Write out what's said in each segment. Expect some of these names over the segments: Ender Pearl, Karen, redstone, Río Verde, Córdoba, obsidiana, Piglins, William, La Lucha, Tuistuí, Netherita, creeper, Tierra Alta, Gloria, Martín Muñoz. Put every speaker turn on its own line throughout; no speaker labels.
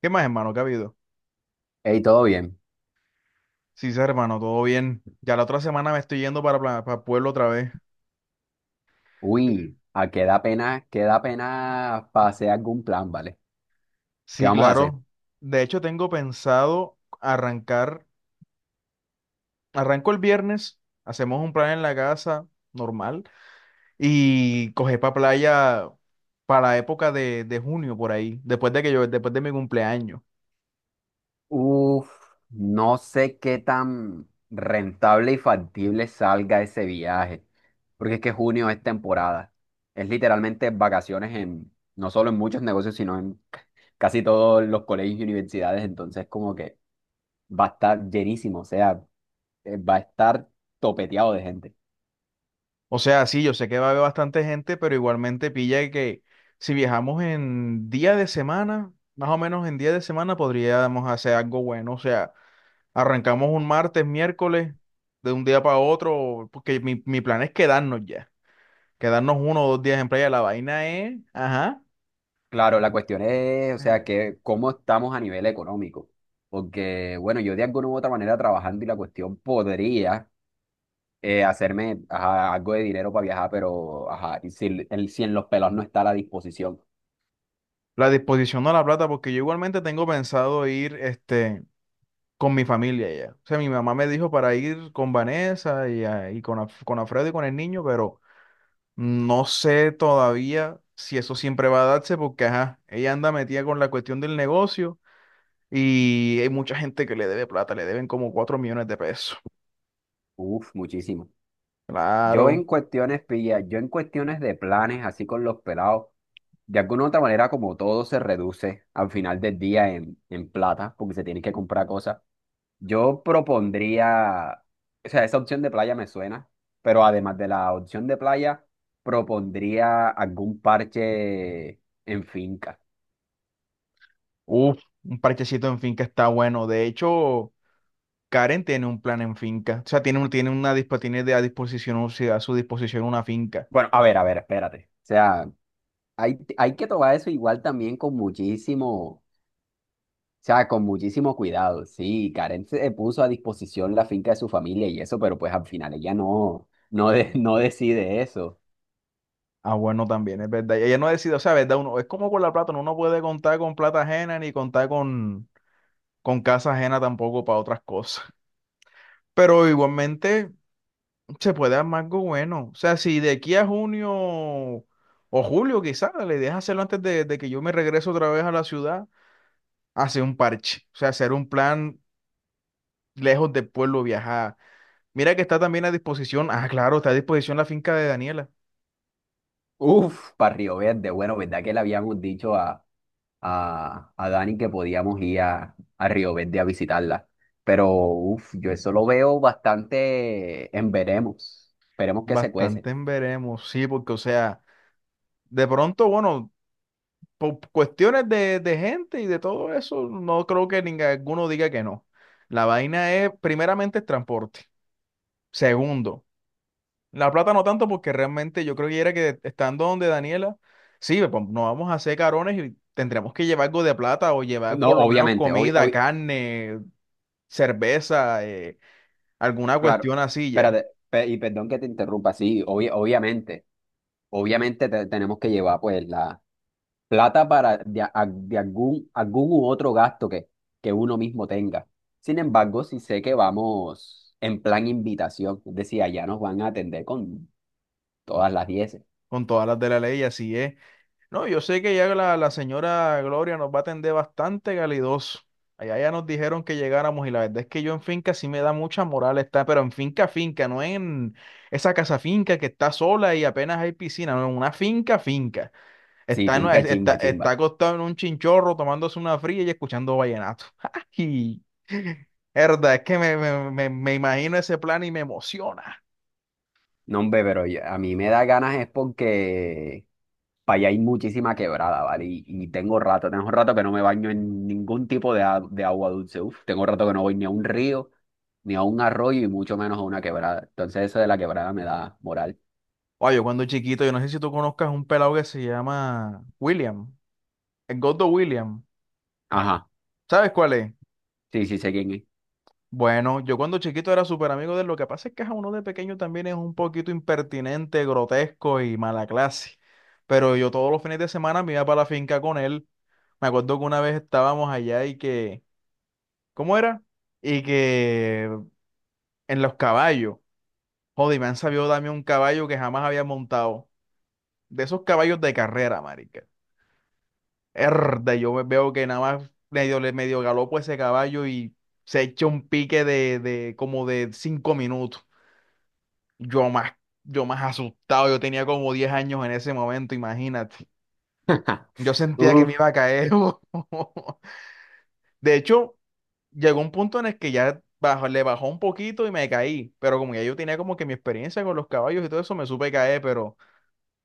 ¿Qué más, hermano? ¿Qué ha habido?
Hey, todo bien.
Sí, sí, hermano, todo bien. Ya la otra semana me estoy yendo para Pueblo otra vez. Sí,
Uy, a qué da pena para hacer algún plan, ¿vale? ¿Qué
sí,
vamos a hacer?
claro. De hecho, tengo pensado arrancar. Arranco el viernes, hacemos un plan en la casa, normal, y coger para playa para la época de junio, por ahí, después de mi cumpleaños.
Uf, no sé qué tan rentable y factible salga ese viaje, porque es que junio es temporada. Es literalmente vacaciones en, no solo en muchos negocios, sino en casi todos los colegios y universidades, entonces como que va a estar llenísimo, o sea, va a estar topeteado de gente.
O sea, sí, yo sé que va a haber bastante gente, pero igualmente pilla que si viajamos en día de semana, más o menos en día de semana, podríamos hacer algo bueno. O sea. Arrancamos un martes, miércoles, de un día para otro, porque mi plan es quedarnos ya, quedarnos uno o dos días en playa. La vaina es, ajá,
Claro, la cuestión es, o sea, que cómo estamos a nivel económico. Porque, bueno, yo de alguna u otra manera trabajando y la cuestión podría hacerme ajá, algo de dinero para viajar, pero ajá, y si, si en los pelos no está a la disposición.
la disposición de la plata, porque yo igualmente tengo pensado ir, este, con mi familia ya. O sea, mi mamá me dijo para ir con Vanessa y, y con, con Alfredo y con el niño, pero no sé todavía si eso siempre va a darse, porque, ajá, ella anda metida con la cuestión del negocio y hay mucha gente que le debe plata, le deben como 4 millones de pesos.
Uf, muchísimo. Yo
Claro.
en cuestiones, pilla, yo en cuestiones de planes, así con los pelados, de alguna u otra manera, como todo se reduce al final del día en plata, porque se tienen que comprar cosas. Yo propondría, o sea, esa opción de playa me suena, pero además de la opción de playa, propondría algún parche en finca.
Uf, un parchecito en finca está bueno. De hecho, Karen tiene un plan en finca. O sea, tiene, un- tiene una dispo- tiene de a disposición, o sea, a su disposición una finca.
Bueno, a ver, espérate. O sea, hay que tomar eso igual también con muchísimo, o sea, con muchísimo cuidado. Sí, Karen se puso a disposición la finca de su familia y eso, pero pues al final ella no, no, no decide eso.
Ah, bueno, también, es verdad. Y ella no ha decidido, o sea, verdad, uno, es como con la plata, uno no puede contar con plata ajena ni contar con casa ajena tampoco para otras cosas. Pero igualmente se puede armar algo bueno. O sea, si de aquí a junio o julio quizás, la idea es hacerlo antes de que yo me regrese otra vez a la ciudad hacer un parche, o sea, hacer un plan lejos del pueblo viajar. Mira que está también a disposición, ah, claro, está a disposición la finca de Daniela.
Uf, para Río Verde, bueno, ¿verdad que le habíamos dicho a, Dani que podíamos ir a Río Verde a visitarla? Pero uf, yo eso lo veo bastante en veremos. Esperemos que se cuece.
Bastante en veremos, sí, porque o sea, de pronto, bueno, por cuestiones de gente y de todo eso, no creo que ninguno diga que no. La vaina es, primeramente, el transporte. Segundo, la plata no tanto porque realmente yo creo que era que estando donde Daniela, sí, pues, no vamos a hacer carones y tendremos que llevar algo de plata o llevar
No,
por lo menos
obviamente,
comida, carne, cerveza, alguna
claro.
cuestión así ya,
Espérate, y perdón que te interrumpa, sí, obviamente. Obviamente tenemos que llevar pues la plata para de algún u otro gasto que uno mismo tenga. Sin embargo, sí sé que vamos en plan invitación, es decir, allá nos van a atender con todas las 10.
con todas las de la ley, así es. No, yo sé que ya la señora Gloria nos va a atender bastante calidoso. Allá ya nos dijeron que llegáramos y la verdad es que yo en finca sí me da mucha moral estar, pero en finca, finca, no en esa casa finca que está sola y apenas hay piscina, no, en una finca, finca.
Sí,
Está, en-
finca
está,
chimba,
está
chimba.
acostado en un chinchorro tomándose una fría y escuchando vallenato. ¡Ay! Herda, es que me imagino ese plan y me emociona.
No, hombre, pero a mí me da ganas es porque para allá hay muchísima quebrada, ¿vale? Y tengo rato que no me baño en ningún tipo de agua dulce. Uf, tengo rato que no voy ni a un río, ni a un arroyo y mucho menos a una quebrada. Entonces eso de la quebrada me da moral.
Oye, yo cuando chiquito, yo no sé si tú conozcas un pelado que se llama William, el Gordo William.
Ajá,
¿Sabes cuál es?
sí, sí, sé quién es.
Bueno, yo cuando chiquito era súper amigo de él. Lo que pasa es que a uno de pequeño también es un poquito impertinente, grotesco y mala clase. Pero yo todos los fines de semana me iba para la finca con él. Me acuerdo que una vez estábamos allá y que, ¿cómo era? Y que en los caballos, joder, me han sabido darme un caballo que jamás había montado. De esos caballos de carrera, marica. Erda, yo me veo que nada más medio, le medio galopo ese caballo y se echa un pique de como de 5 minutos. Yo más, yo más asustado, yo tenía como 10 años en ese momento, imagínate. Yo sentía que me iba
Uf,
a caer. De hecho, llegó un punto en el que ya le bajó un poquito y me caí, pero como ya yo tenía como que mi experiencia con los caballos y todo eso, me supe caer, pero...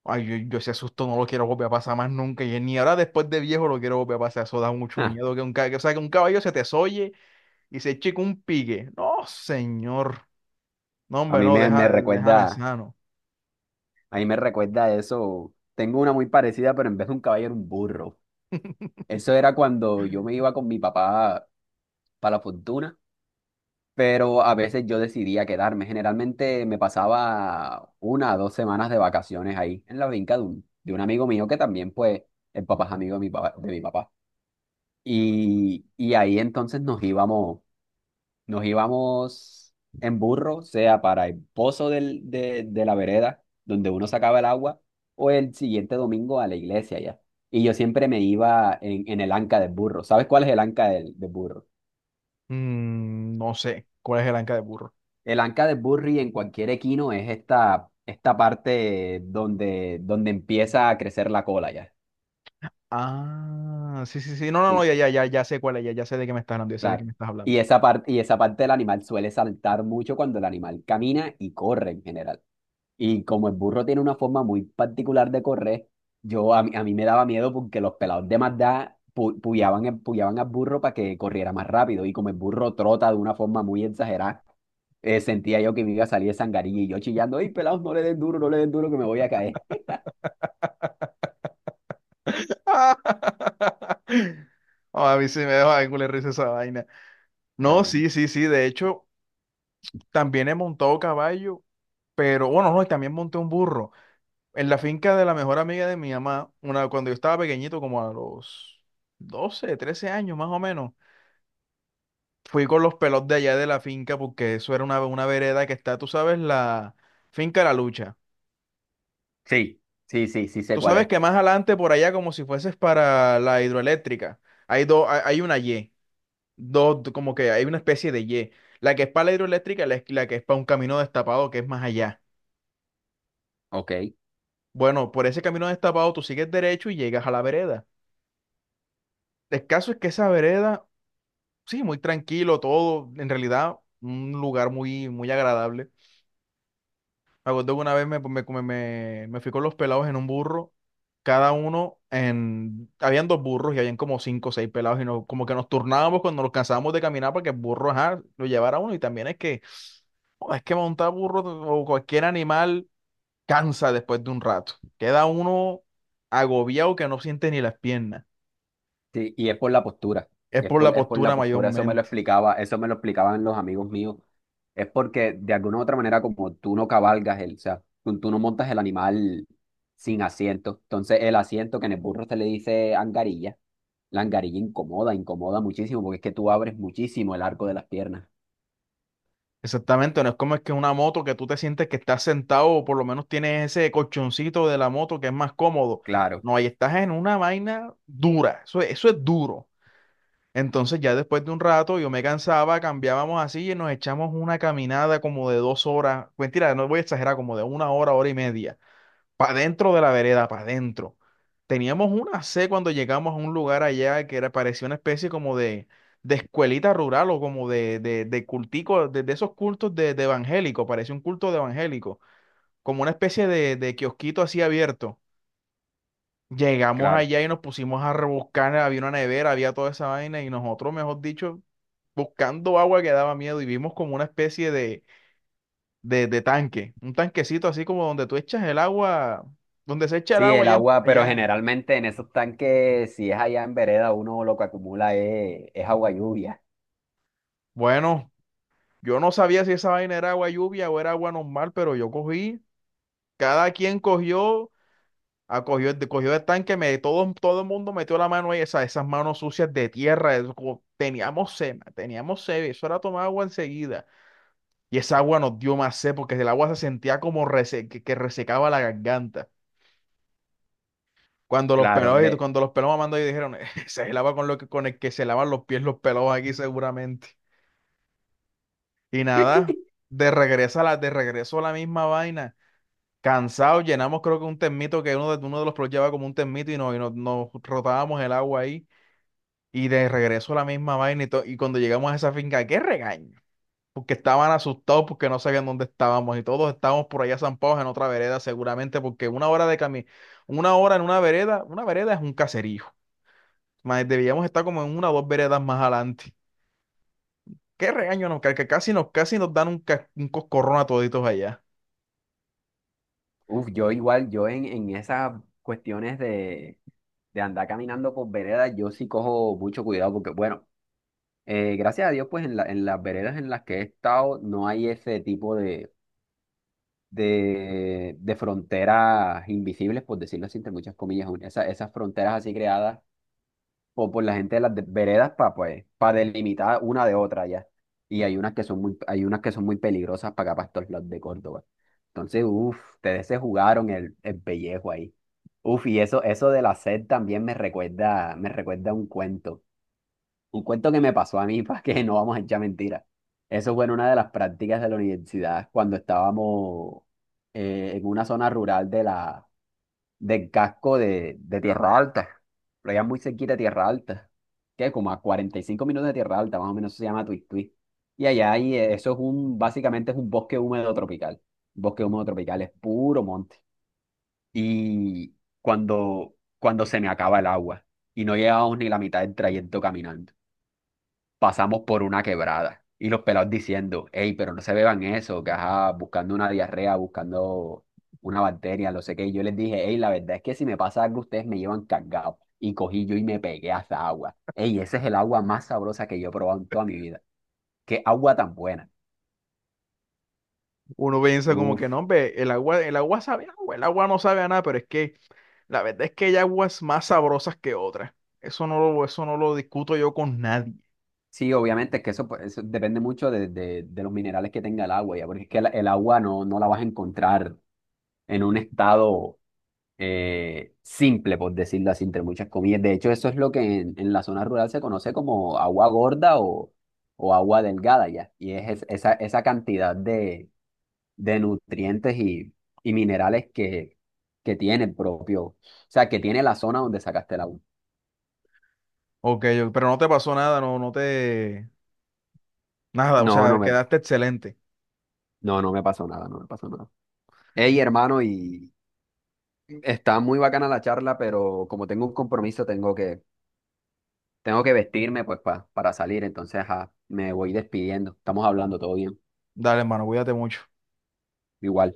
Ay, yo ese susto no lo quiero volver a pasar más nunca. Y ni ahora después de viejo lo quiero volver a pasar. Eso da mucho
ah,
miedo. Que, o sea, que un caballo se te solle y se eche con un pique. No, señor. No,
a
hombre,
mí
no,
me
deja, déjame
recuerda,
sano.
a mí me recuerda eso. Tengo una muy parecida, pero en vez de un caballo era un burro. Eso era cuando yo me iba con mi papá para la fortuna. Pero a veces yo decidía quedarme. Generalmente me pasaba 1 o 2 semanas de vacaciones ahí en la finca de un, amigo mío que también, pues, el papá es amigo de mi papá, de mi papá. Y ahí entonces nos íbamos en burro, sea para el pozo de la vereda, donde uno sacaba el agua, o el siguiente domingo a la iglesia ya. Y yo siempre me iba en, el anca del burro. ¿Sabes cuál es el anca del burro?
No sé. ¿Cuál es el anca de burro?
El anca de Burry en cualquier equino es esta, parte donde empieza a crecer la cola ya.
Ah, sí, sí, sí. No, no, no,
Sí,
ya, ya, ya, ya sé cuál es. Ya, ya sé de qué me estás hablando. Ya sé de qué
claro.
me estás
Y
hablando.
esa parte, y esa parte del animal suele saltar mucho cuando el animal camina y corre en general. Y como el burro tiene una forma muy particular de correr, a mí me daba miedo porque los pelados de Mazda puyaban al burro para que corriera más rápido. Y como el burro trota de una forma muy exagerada, sentía yo que me iba a salir de sangarilla y yo chillando, ¡ay, pelados, no le den duro, no le den duro que me voy a caer!
Ah, a mí sí me deja de culo de risa esa vaina. No,
Eh,
sí, sí, sí. De hecho, también he montado caballo, pero bueno, no, y también monté un burro. En la finca de la mejor amiga de mi mamá, una, cuando yo estaba pequeñito, como a los 12 13 años más o menos, fui con los pelos de allá de la finca porque eso era una vereda que está, tú sabes, la finca La Lucha.
sí, sí, sí, sí sé
Tú
cuál
sabes
es.
que más adelante por allá, como si fueses para la hidroeléctrica, hay una Y, dos, como que hay una especie de Y. La que es para la hidroeléctrica y la que es para un camino destapado que es más allá.
Ok,
Bueno, por ese camino destapado tú sigues derecho y llegas a la vereda. El caso es que esa vereda sí, muy tranquilo, todo, en realidad, un lugar muy, muy agradable. Me acuerdo que una vez me fui con los pelados en un burro, cada uno habían dos burros y habían como cinco o seis pelados y nos, como que nos turnábamos cuando nos cansábamos de caminar para que el burro, ajá, lo llevara uno y también es que, oh, es que montar burro o cualquier animal cansa después de un rato, queda uno agobiado que no siente ni las piernas,
sí, y es por la postura.
es
Es
por la
por, es por
postura
la postura. Eso me lo
mayormente.
explicaba, eso me lo explicaban los amigos míos. Es porque de alguna u otra manera, como tú no cabalgas el, o sea, tú no montas el animal sin asiento. Entonces, el asiento que en el burro se le dice angarilla, la angarilla incomoda, incomoda muchísimo, porque es que tú abres muchísimo el arco de las piernas.
Exactamente, no es como es que una moto que tú te sientes que estás sentado o por lo menos tienes ese colchoncito de la moto que es más cómodo.
Claro,
No, ahí estás en una vaina dura, eso, eso es duro. Entonces ya después de un rato yo me cansaba, cambiábamos así y nos echamos una caminada como de 2 horas, mentira, no voy a exagerar, como de una hora, hora y media para dentro de la vereda, para adentro. Teníamos una C cuando llegamos a un lugar allá que era, parecía una especie como de escuelita rural o como de, de cultico, de esos cultos de evangélico, parecía un culto de evangélico, como una especie de kiosquito así abierto. Llegamos
claro.
allá y nos pusimos a rebuscar, había una nevera, había toda esa vaina y nosotros, mejor dicho, buscando agua que daba miedo y vimos como una especie de de tanque, un tanquecito así como donde tú echas el agua, donde se echa el
Sí,
agua
el
allá,
agua, pero
allá.
generalmente en esos tanques, si es allá en vereda, uno lo que acumula es agua lluvia.
Bueno, yo no sabía si esa vaina era agua lluvia o era agua normal, pero yo cogí, cada quien cogió, cogió el tanque, todo, todo el mundo metió la mano ahí, esas manos sucias de tierra, eso teníamos sed, ma, teníamos sed, eso era tomar agua enseguida. Y esa agua nos dio más sed porque el agua se sentía como que resecaba la garganta. Cuando los
Claro,
pelados, cuando los pelados mamando y dijeron, se lava con lo que, con el que se lavan los pies los pelados aquí seguramente. Y nada, de regreso a la misma vaina. Cansados, llenamos creo que un termito que uno de los pelados llevaba como un termito y nos rotábamos el agua ahí. Y de regreso a la misma vaina y cuando llegamos a esa finca, qué regaño. Porque estaban asustados porque no sabían dónde estábamos y todos estábamos por allá zampados en otra vereda seguramente porque una hora de camino, una hora en una vereda es un caserío. Mae, debíamos estar como en una o dos veredas más adelante. Qué regaño nos cae, que casi nos dan un coscorrón a toditos allá.
uf, yo igual, yo en esas cuestiones de andar caminando por veredas, yo sí cojo mucho cuidado porque, bueno, gracias a Dios, pues en las veredas en las que he estado no hay ese tipo de fronteras invisibles, por decirlo así, entre muchas comillas, esas fronteras así creadas o por la gente de las veredas para pues, para delimitar una de otra ya. Y hay unas que son muy peligrosas para acá, para estos lados de Córdoba. Entonces, uff, ustedes se jugaron el pellejo ahí. Uf, y eso de la sed también me recuerda un cuento. Un cuento que me pasó a mí, para que no vamos a echar mentiras. Eso fue en una de las prácticas de la universidad cuando estábamos en una zona rural de la, del casco de Tierra Alta. Lo llaman muy cerquita de Tierra Alta. Que como a 45 minutos de Tierra Alta, más o menos se llama Tuistuí. Y allá hay, básicamente es un bosque húmedo tropical. Bosque húmedo tropical es puro monte. Y cuando se me acaba el agua y no llevamos ni la mitad del trayecto caminando pasamos por una quebrada. Y los pelados diciendo, hey, pero no se beban eso, que ajá, buscando una diarrea, buscando una bacteria, no sé qué. Y yo les dije, hey, la verdad es que si me pasa algo, ustedes me llevan cargado. Y cogí yo y me pegué a esa agua. Hey, esa es el agua más sabrosa que yo he probado en toda mi vida. Qué agua tan buena.
Uno piensa como que
Uf.
no, hombre, el agua sabe a agua, el agua no sabe a nada, pero es que la verdad es que hay aguas más sabrosas que otras. Eso no lo discuto yo con nadie.
Sí, obviamente es que eso, pues, eso depende mucho de los minerales que tenga el agua, ya, porque es que el agua no la vas a encontrar en un estado simple, por decirlo así, entre muchas comillas. De hecho, eso es lo que en, la zona rural se conoce como agua gorda o agua delgada ya. Y esa cantidad de nutrientes y minerales que tiene el propio, o sea, que tiene la zona donde sacaste el agua.
Ok, pero no te pasó nada, no, nada, o
No, no
sea,
me,
quedaste excelente.
no, no me pasó nada, no me pasó nada. Hey, hermano, y está muy bacana la charla, pero como tengo un compromiso, tengo que, vestirme pues para salir, entonces ajá, me voy despidiendo. Estamos hablando todo bien.
Dale, hermano, cuídate mucho.
Igual.